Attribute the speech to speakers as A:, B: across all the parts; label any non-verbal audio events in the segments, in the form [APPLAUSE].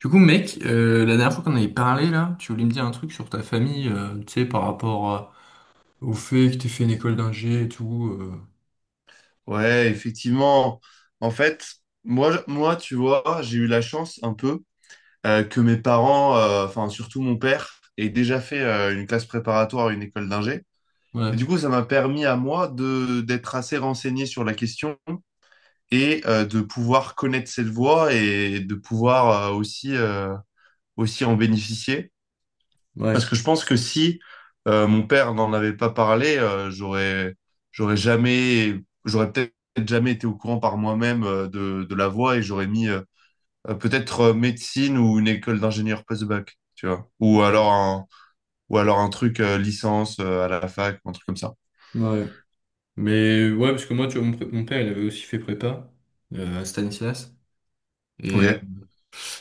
A: Du coup, mec, la dernière fois qu'on avait parlé, là, tu voulais me dire un truc sur ta famille, tu sais, par rapport au fait que t'aies fait une école d'ingé et tout. euh,
B: Ouais, effectivement. En fait, moi, tu vois, j'ai eu la chance un peu que mes parents, enfin surtout mon père, aient déjà fait une classe préparatoire à une école d'ingé.
A: Ouais,
B: Et du coup, ça m'a permis à moi de d'être assez renseigné sur la question et de pouvoir connaître cette voie et de pouvoir aussi aussi en bénéficier.
A: ouais,
B: Parce que je pense que si mon père n'en avait pas parlé, j'aurais, j'aurais jamais, j'aurais peut-être jamais été au courant par moi-même de la voie et j'aurais mis peut-être médecine ou une école d'ingénieur post-bac, tu vois.
A: ouais.
B: Ou alors un truc licence à la fac, un truc comme ça.
A: Ouais. Mais ouais, parce que moi, tu vois, mon père, il avait aussi fait prépa à Stanislas. Et euh,
B: Ok.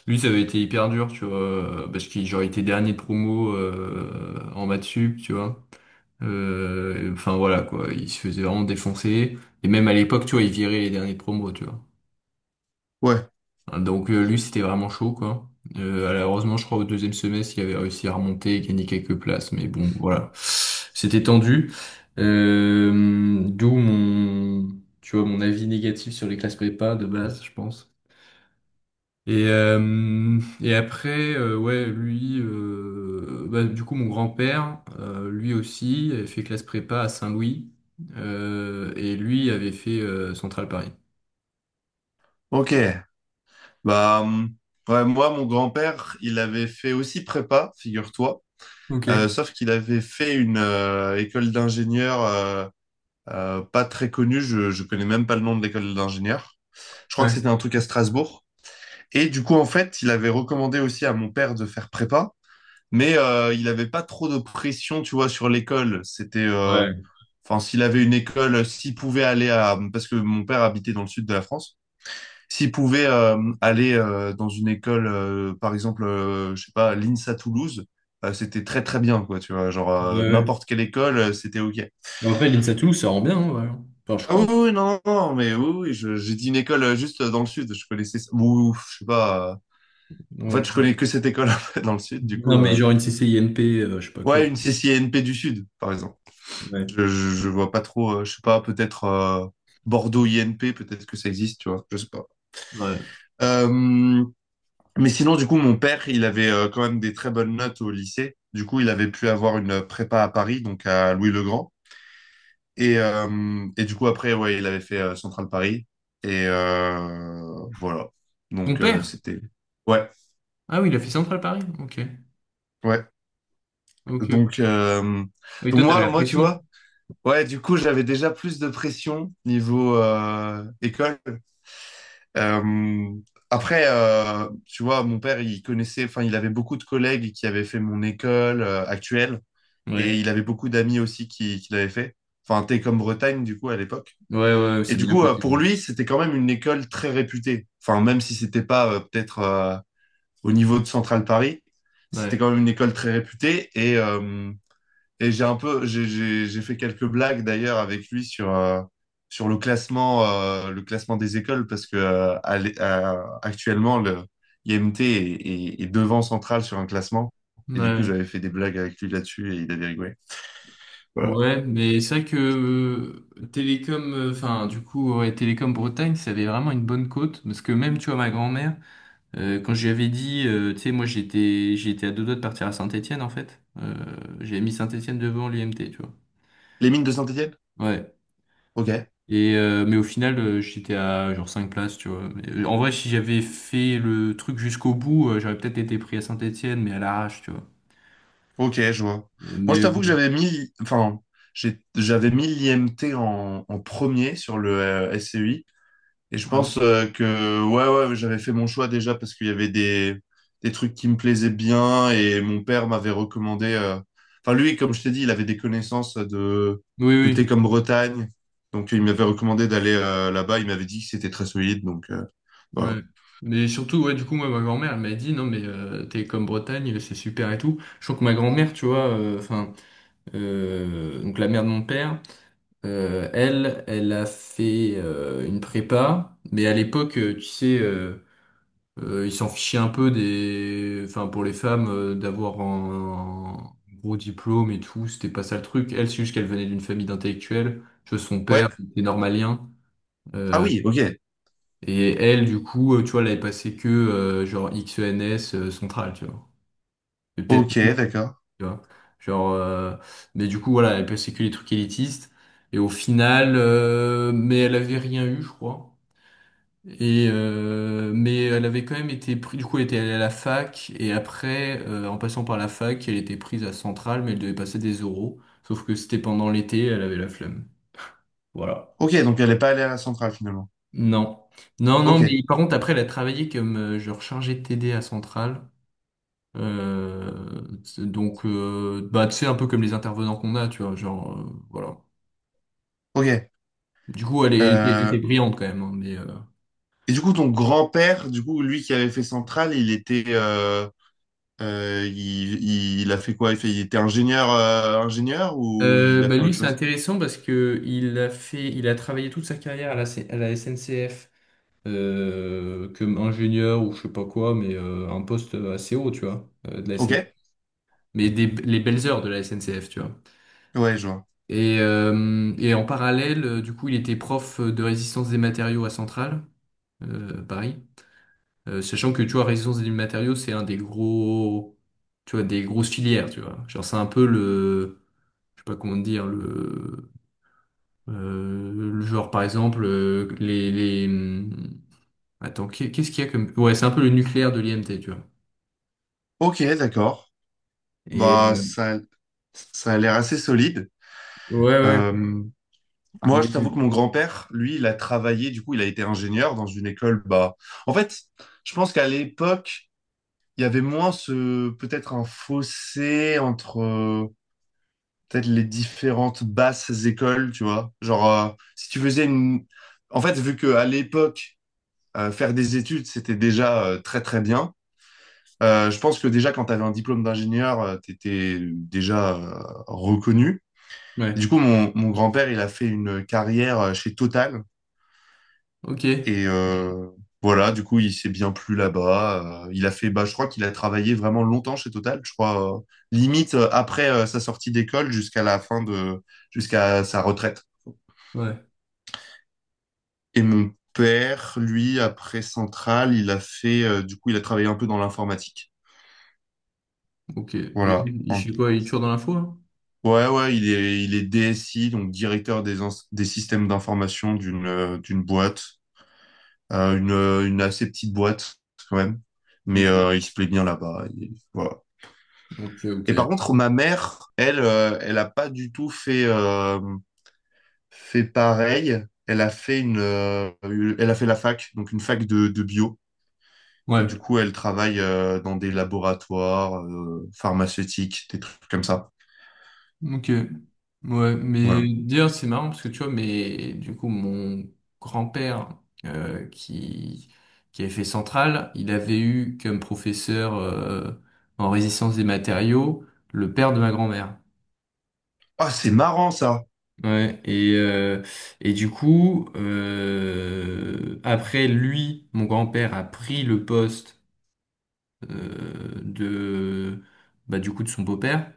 A: Lui, ça avait été hyper dur, tu vois, parce qu'il genre, il était dernier de promo en maths sup, tu vois. Enfin, voilà, quoi, il se faisait vraiment défoncer. Et même à l'époque, tu vois, il virait les derniers de promo, tu vois.
B: Ouais.
A: Donc lui, c'était vraiment chaud, quoi. Alors, heureusement, je crois au deuxième semestre, il avait réussi à remonter et gagner quelques places, mais bon, voilà, c'était tendu. D'où mon, tu vois, mon avis négatif sur les classes prépa de base, je pense. Et après, ouais, lui, bah, du coup, mon grand-père, lui aussi, avait fait classe prépa à Saint-Louis, et lui avait fait Centrale Paris.
B: Ok. Bah, ouais, moi, mon grand-père, il avait fait aussi prépa, figure-toi.
A: Ok, ouais.
B: Sauf qu'il avait fait une école d'ingénieur pas très connu, je connais même pas le nom de l'école d'ingénieur. Je crois que c'était un truc à Strasbourg. Et du coup, en fait, il avait recommandé aussi à mon père de faire prépa, mais il n'avait pas trop de pression, tu vois, sur l'école.
A: Ouais,
B: Enfin, s'il avait une école, s'il pouvait aller à, parce que mon père habitait dans le sud de la France, s'il pouvait aller dans une école, par exemple, je sais pas, l'INSA Toulouse, c'était très très bien, quoi, tu vois, genre
A: ouais, ouais.
B: n'importe quelle école, c'était OK.
A: Bah, après, l'INSATU, ça rend bien, hein, ouais. Enfin, je
B: Ah oui,
A: crois.
B: oui, non, non, mais oui, oui, j'ai dit une école juste dans le sud, je connaissais, ou, je sais pas, en fait,
A: Ouais.
B: je connais que cette école [LAUGHS] en fait, dans le sud, du coup,
A: Non, mais genre une CCINP, je sais pas quoi.
B: ouais, une C C N P du sud, par exemple.
A: Ouais.
B: Je vois pas trop, je sais pas, peut-être Bordeaux I N P peut-être que ça existe, tu vois, je sais pas.
A: Ouais.
B: Euh, mais sinon, du coup, mon père, il avait quand même des très bonnes notes au lycée, du coup, il avait pu avoir une prépa à Paris, donc à Louis-le-Grand. Et du coup, après, ouais, il avait fait Central Paris. Voilà.
A: Ton père?
B: C'était. Ouais,
A: Ah oui, il a fait Centrale Paris. Ok.
B: ouais.
A: Ok, ok.
B: Donc, euh,
A: Ah oui, toi,
B: donc
A: t'avais
B: moi,
A: la
B: moi, tu
A: pression.
B: vois, ouais, du coup, j'avais déjà plus de pression niveau école. Euh, après, tu vois, mon père, il connaissait, enfin, il avait beaucoup de collègues qui avaient fait mon école actuelle. Et
A: Ouais.
B: il avait beaucoup d'amis aussi qui l'avaient fait. Enfin, Télécom Bretagne, du coup, à l'époque.
A: Ouais, ouais,
B: Et
A: c'est
B: du
A: bien
B: coup,
A: coté.
B: pour lui, c'était quand même une école très réputée. Enfin, même si c'était pas peut-être au niveau de Central Paris, c'était
A: Ouais.
B: quand même une école très réputée. Et j'ai un peu, j'ai fait quelques blagues d'ailleurs avec lui sur, sur le classement des écoles parce que actuellement, le IMT est, est devant Central sur un classement. Et du coup,
A: Ouais.
B: j'avais fait des blagues avec lui là-dessus et il avait rigolé. Voilà.
A: Ouais, mais c'est vrai que Télécom, enfin, du coup, ouais, Télécom Bretagne, ça avait vraiment une bonne cote. Parce que même, tu vois, ma grand-mère, quand je lui avais dit, tu sais, moi, j'étais à deux doigts de partir à Saint-Étienne, en fait. J'avais mis Saint-Étienne devant l'UMT, tu vois.
B: Les mines de Saint-Étienne?
A: Ouais.
B: Ok.
A: Mais au final, j'étais à genre 5 places, tu vois. Mais, en vrai, si j'avais fait le truc jusqu'au bout, j'aurais peut-être été pris à Saint-Étienne, mais à l'arrache, tu vois.
B: Ok, je vois.
A: Euh,
B: Moi, je
A: mais
B: t'avoue que
A: bon.
B: j'avais mis, enfin, j'avais mis l'IMT en, en premier sur le SCI. Et je
A: Ouais.
B: pense que, ouais, ouais, j'avais fait mon choix déjà parce qu'il y avait des trucs qui me plaisaient bien et mon père m'avait recommandé. Enfin, lui, comme je t'ai dit, il avait des connaissances
A: Oui,
B: de thé
A: oui.
B: comme Bretagne. Donc, il m'avait recommandé d'aller là-bas. Il m'avait dit que c'était très solide. Voilà.
A: Ouais. Mais surtout, ouais, du coup, moi, ma grand-mère, elle m'a dit, non, mais t'es comme Bretagne, c'est super et tout. Je trouve que ma grand-mère, tu vois, enfin, donc la mère de mon père, elle a fait une prépa, mais à l'époque, tu sais. Ils s'en fichaient un peu des, enfin pour les femmes d'avoir un gros diplôme et tout, c'était pas ça le truc. Elle, c'est juste qu'elle venait d'une famille d'intellectuels. Tu vois, son père
B: Ouais.
A: était normalien.
B: Ah
A: Euh,
B: oui, ok.
A: et elle, du coup, tu vois, elle avait passé que genre XENS central, tu vois. Et peut-être,
B: Ok,
A: tu
B: d'accord.
A: vois. Genre, mais du coup, voilà, elle passait que les trucs élitistes. Et au final, mais elle avait rien eu, je crois. Mais elle avait quand même été prise, du coup elle était allée à la fac, et après, en passant par la fac, elle était prise à Centrale, mais elle devait passer des oraux, sauf que c'était pendant l'été, elle avait la flemme. Voilà.
B: Ok, donc elle n'est pas allée à la centrale finalement.
A: Non. Non, non,
B: Ok,
A: mais par contre après elle a travaillé comme genre chargée de TD à Centrale. Donc bah, tu sais, un peu comme les intervenants qu'on a, tu vois, genre voilà.
B: ok.
A: Du coup elle était
B: Euh,
A: brillante quand même, hein,
B: et du coup, ton grand-père, du coup, lui qui avait fait Centrale, il, il a fait quoi? Il fait, il était ingénieur, ingénieur ou il a
A: Bah
B: fait
A: lui,
B: autre
A: c'est
B: chose?
A: intéressant parce que il a travaillé toute sa carrière à la SNCF comme ingénieur ou je sais pas quoi, mais un poste assez haut, tu vois, de la
B: Ok,
A: SNCF. Mais des, les belles heures de la SNCF, tu vois.
B: ouais, je vois.
A: Et en parallèle, du coup, il était prof de résistance des matériaux à Centrale, Paris. Sachant que, tu vois, résistance des matériaux, c'est un des gros, tu vois, des grosses filières, tu vois. Genre, c'est un peu le, je sais pas comment dire, le genre par exemple les attends, qu'est-ce qu'il y a comme, ouais, c'est un peu le nucléaire de l'IMT, tu vois.
B: Ok, d'accord.
A: et
B: Bah,
A: euh,
B: ça a l'air assez solide.
A: ouais ouais,
B: Euh, moi, je t'avoue que mon
A: mais
B: grand-père, lui, il a travaillé, du coup, il a été ingénieur dans une école. Bah, en fait, je pense qu'à l'époque, il y avait moins ce, peut-être un fossé entre peut-être les différentes basses écoles, tu vois. Si tu faisais une... En fait, vu que à l'époque, faire des études, c'était déjà très, très bien. Je pense que déjà, quand tu avais un diplôme d'ingénieur, tu étais déjà reconnu. Et du
A: ouais.
B: coup, mon grand-père, il a fait une carrière chez Total.
A: Ok,
B: Et euh, voilà, du coup, il s'est bien plu là-bas. Il a fait, bah, je crois qu'il a travaillé vraiment longtemps chez Total. Je crois, limite après sa sortie d'école jusqu'à la fin de, jusqu'à sa retraite.
A: ouais,
B: Et mon père, lui, après Centrale, du coup, il a travaillé un peu dans l'informatique.
A: ok. Et,
B: Voilà.
A: il
B: En-
A: fait quoi? Il est toujours dans l'info là?
B: Ouais, ouais, il est DSI, donc directeur des, des systèmes d'information d'une d'une boîte, une assez petite boîte quand même, mais
A: Ok,
B: il se plaît bien là-bas. Il- Voilà.
A: ok,
B: Et par
A: ok.
B: contre, ma mère, elle, elle a pas du tout fait, fait pareil. Elle a fait une- elle a fait la fac, donc une fac de bio. Et du
A: Ouais.
B: coup, elle travaille dans des laboratoires pharmaceutiques, des trucs comme ça.
A: Ok. Ouais, mais
B: Voilà.
A: dire c'est marrant parce que tu vois, mais du coup, mon grand-père euh, qui, qui avait fait Centrale, il avait eu comme professeur en résistance des matériaux le père de ma grand-mère.
B: Ah, c'est marrant ça.
A: Ouais, et du coup, après lui, mon grand-père a pris le poste euh, de, bah, du coup, de son beau-père.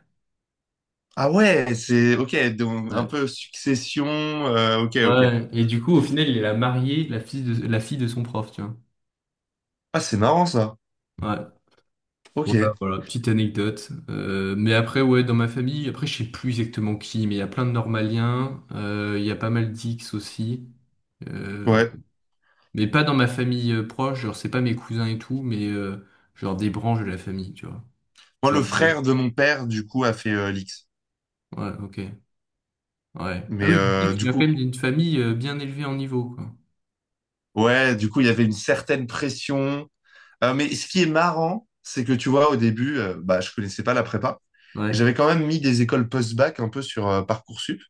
B: Ah ouais, c'est ok, donc un peu succession. Ok, ok.
A: Ouais. Et du coup, au final, il a marié la fille de son prof, tu vois.
B: Ah, c'est marrant ça.
A: Ouais.
B: Ok,
A: Voilà, voilà, petite anecdote. Mais après, ouais, dans ma famille, après, je sais plus exactement qui, mais il y a plein de normaliens, il y a pas mal d'X aussi. Euh,
B: ouais.
A: mais pas dans ma famille proche, genre c'est pas mes cousins et tout, mais genre des branches de la famille, tu vois.
B: Moi,
A: Genre,
B: le frère de mon père, du coup, a fait l'X.
A: ouais, ok. Ouais. Ah
B: Mais
A: oui, donc toi,
B: euh,
A: tu
B: du
A: viens quand
B: coup,
A: même d'une famille bien élevée en niveau, quoi.
B: ouais, du coup, il y avait une certaine pression. Mais ce qui est marrant, c'est que tu vois, au début, bah, je connaissais pas la prépa. Et
A: Ouais,
B: j'avais quand même mis des écoles post-bac un peu sur Parcoursup.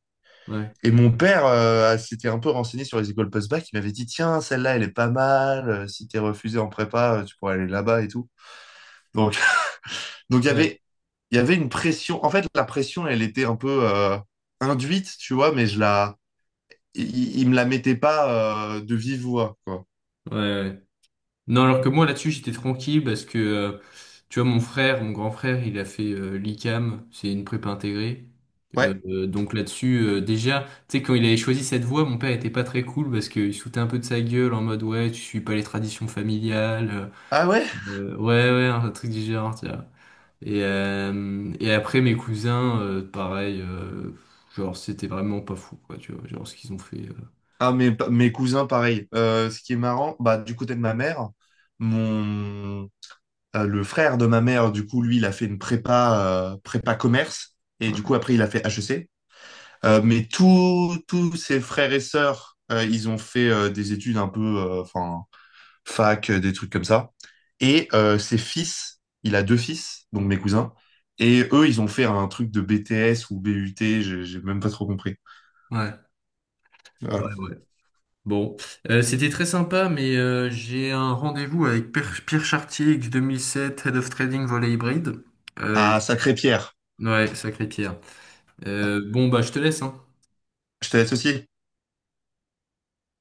A: ouais,
B: Et mon père s'était un peu renseigné sur les écoles post-bac. Il m'avait dit, tiens, celle-là, elle est pas mal. Si t'es refusé en prépa, tu pourrais aller là-bas et tout. Donc, [LAUGHS] donc
A: ouais,
B: il y avait une pression. En fait, la pression, elle était un peu induite, tu vois, mais je la, il me la mettait pas de vive voix, quoi.
A: ouais. Ouais. Non, alors que moi là-dessus j'étais tranquille parce que tu vois, mon grand frère, il a fait l'ICAM, c'est une prépa intégrée.
B: Ouais.
A: Donc là-dessus déjà, tu sais, quand il avait choisi cette voie, mon père était pas très cool parce qu'il se foutait un peu de sa gueule en mode ouais tu suis pas les traditions familiales,
B: Ah ouais?
A: ouais ouais un truc du genre, tu vois. Et après mes cousins, pareil, genre c'était vraiment pas fou quoi tu vois, genre ce qu'ils ont fait.
B: Ah, mes cousins, pareil. Ce qui est marrant, bah, du côté de ma mère, mon, le frère de ma mère, du coup, lui, il a fait une prépa, prépa commerce. Et du coup,
A: Ouais,
B: après, il a fait HEC. Mais tous ses frères et sœurs, ils ont fait des études un peu, enfin, fac, des trucs comme ça. Et ses fils, il a 2 fils, donc mes cousins, et eux, ils ont fait un truc de BTS ou BUT, j'ai même pas trop compris.
A: ouais, ouais.
B: Voilà.
A: Ouais. Bon, c'était très sympa, mais j'ai un rendez-vous avec Pierre Chartier, X 2007 Head of Trading Volet Hybride. Euh,
B: Ah, Sacré-Pierre.
A: ouais, sacré Pierre.
B: Ah,
A: Bon, bah, je te laisse, hein.
B: je te laisse aussi.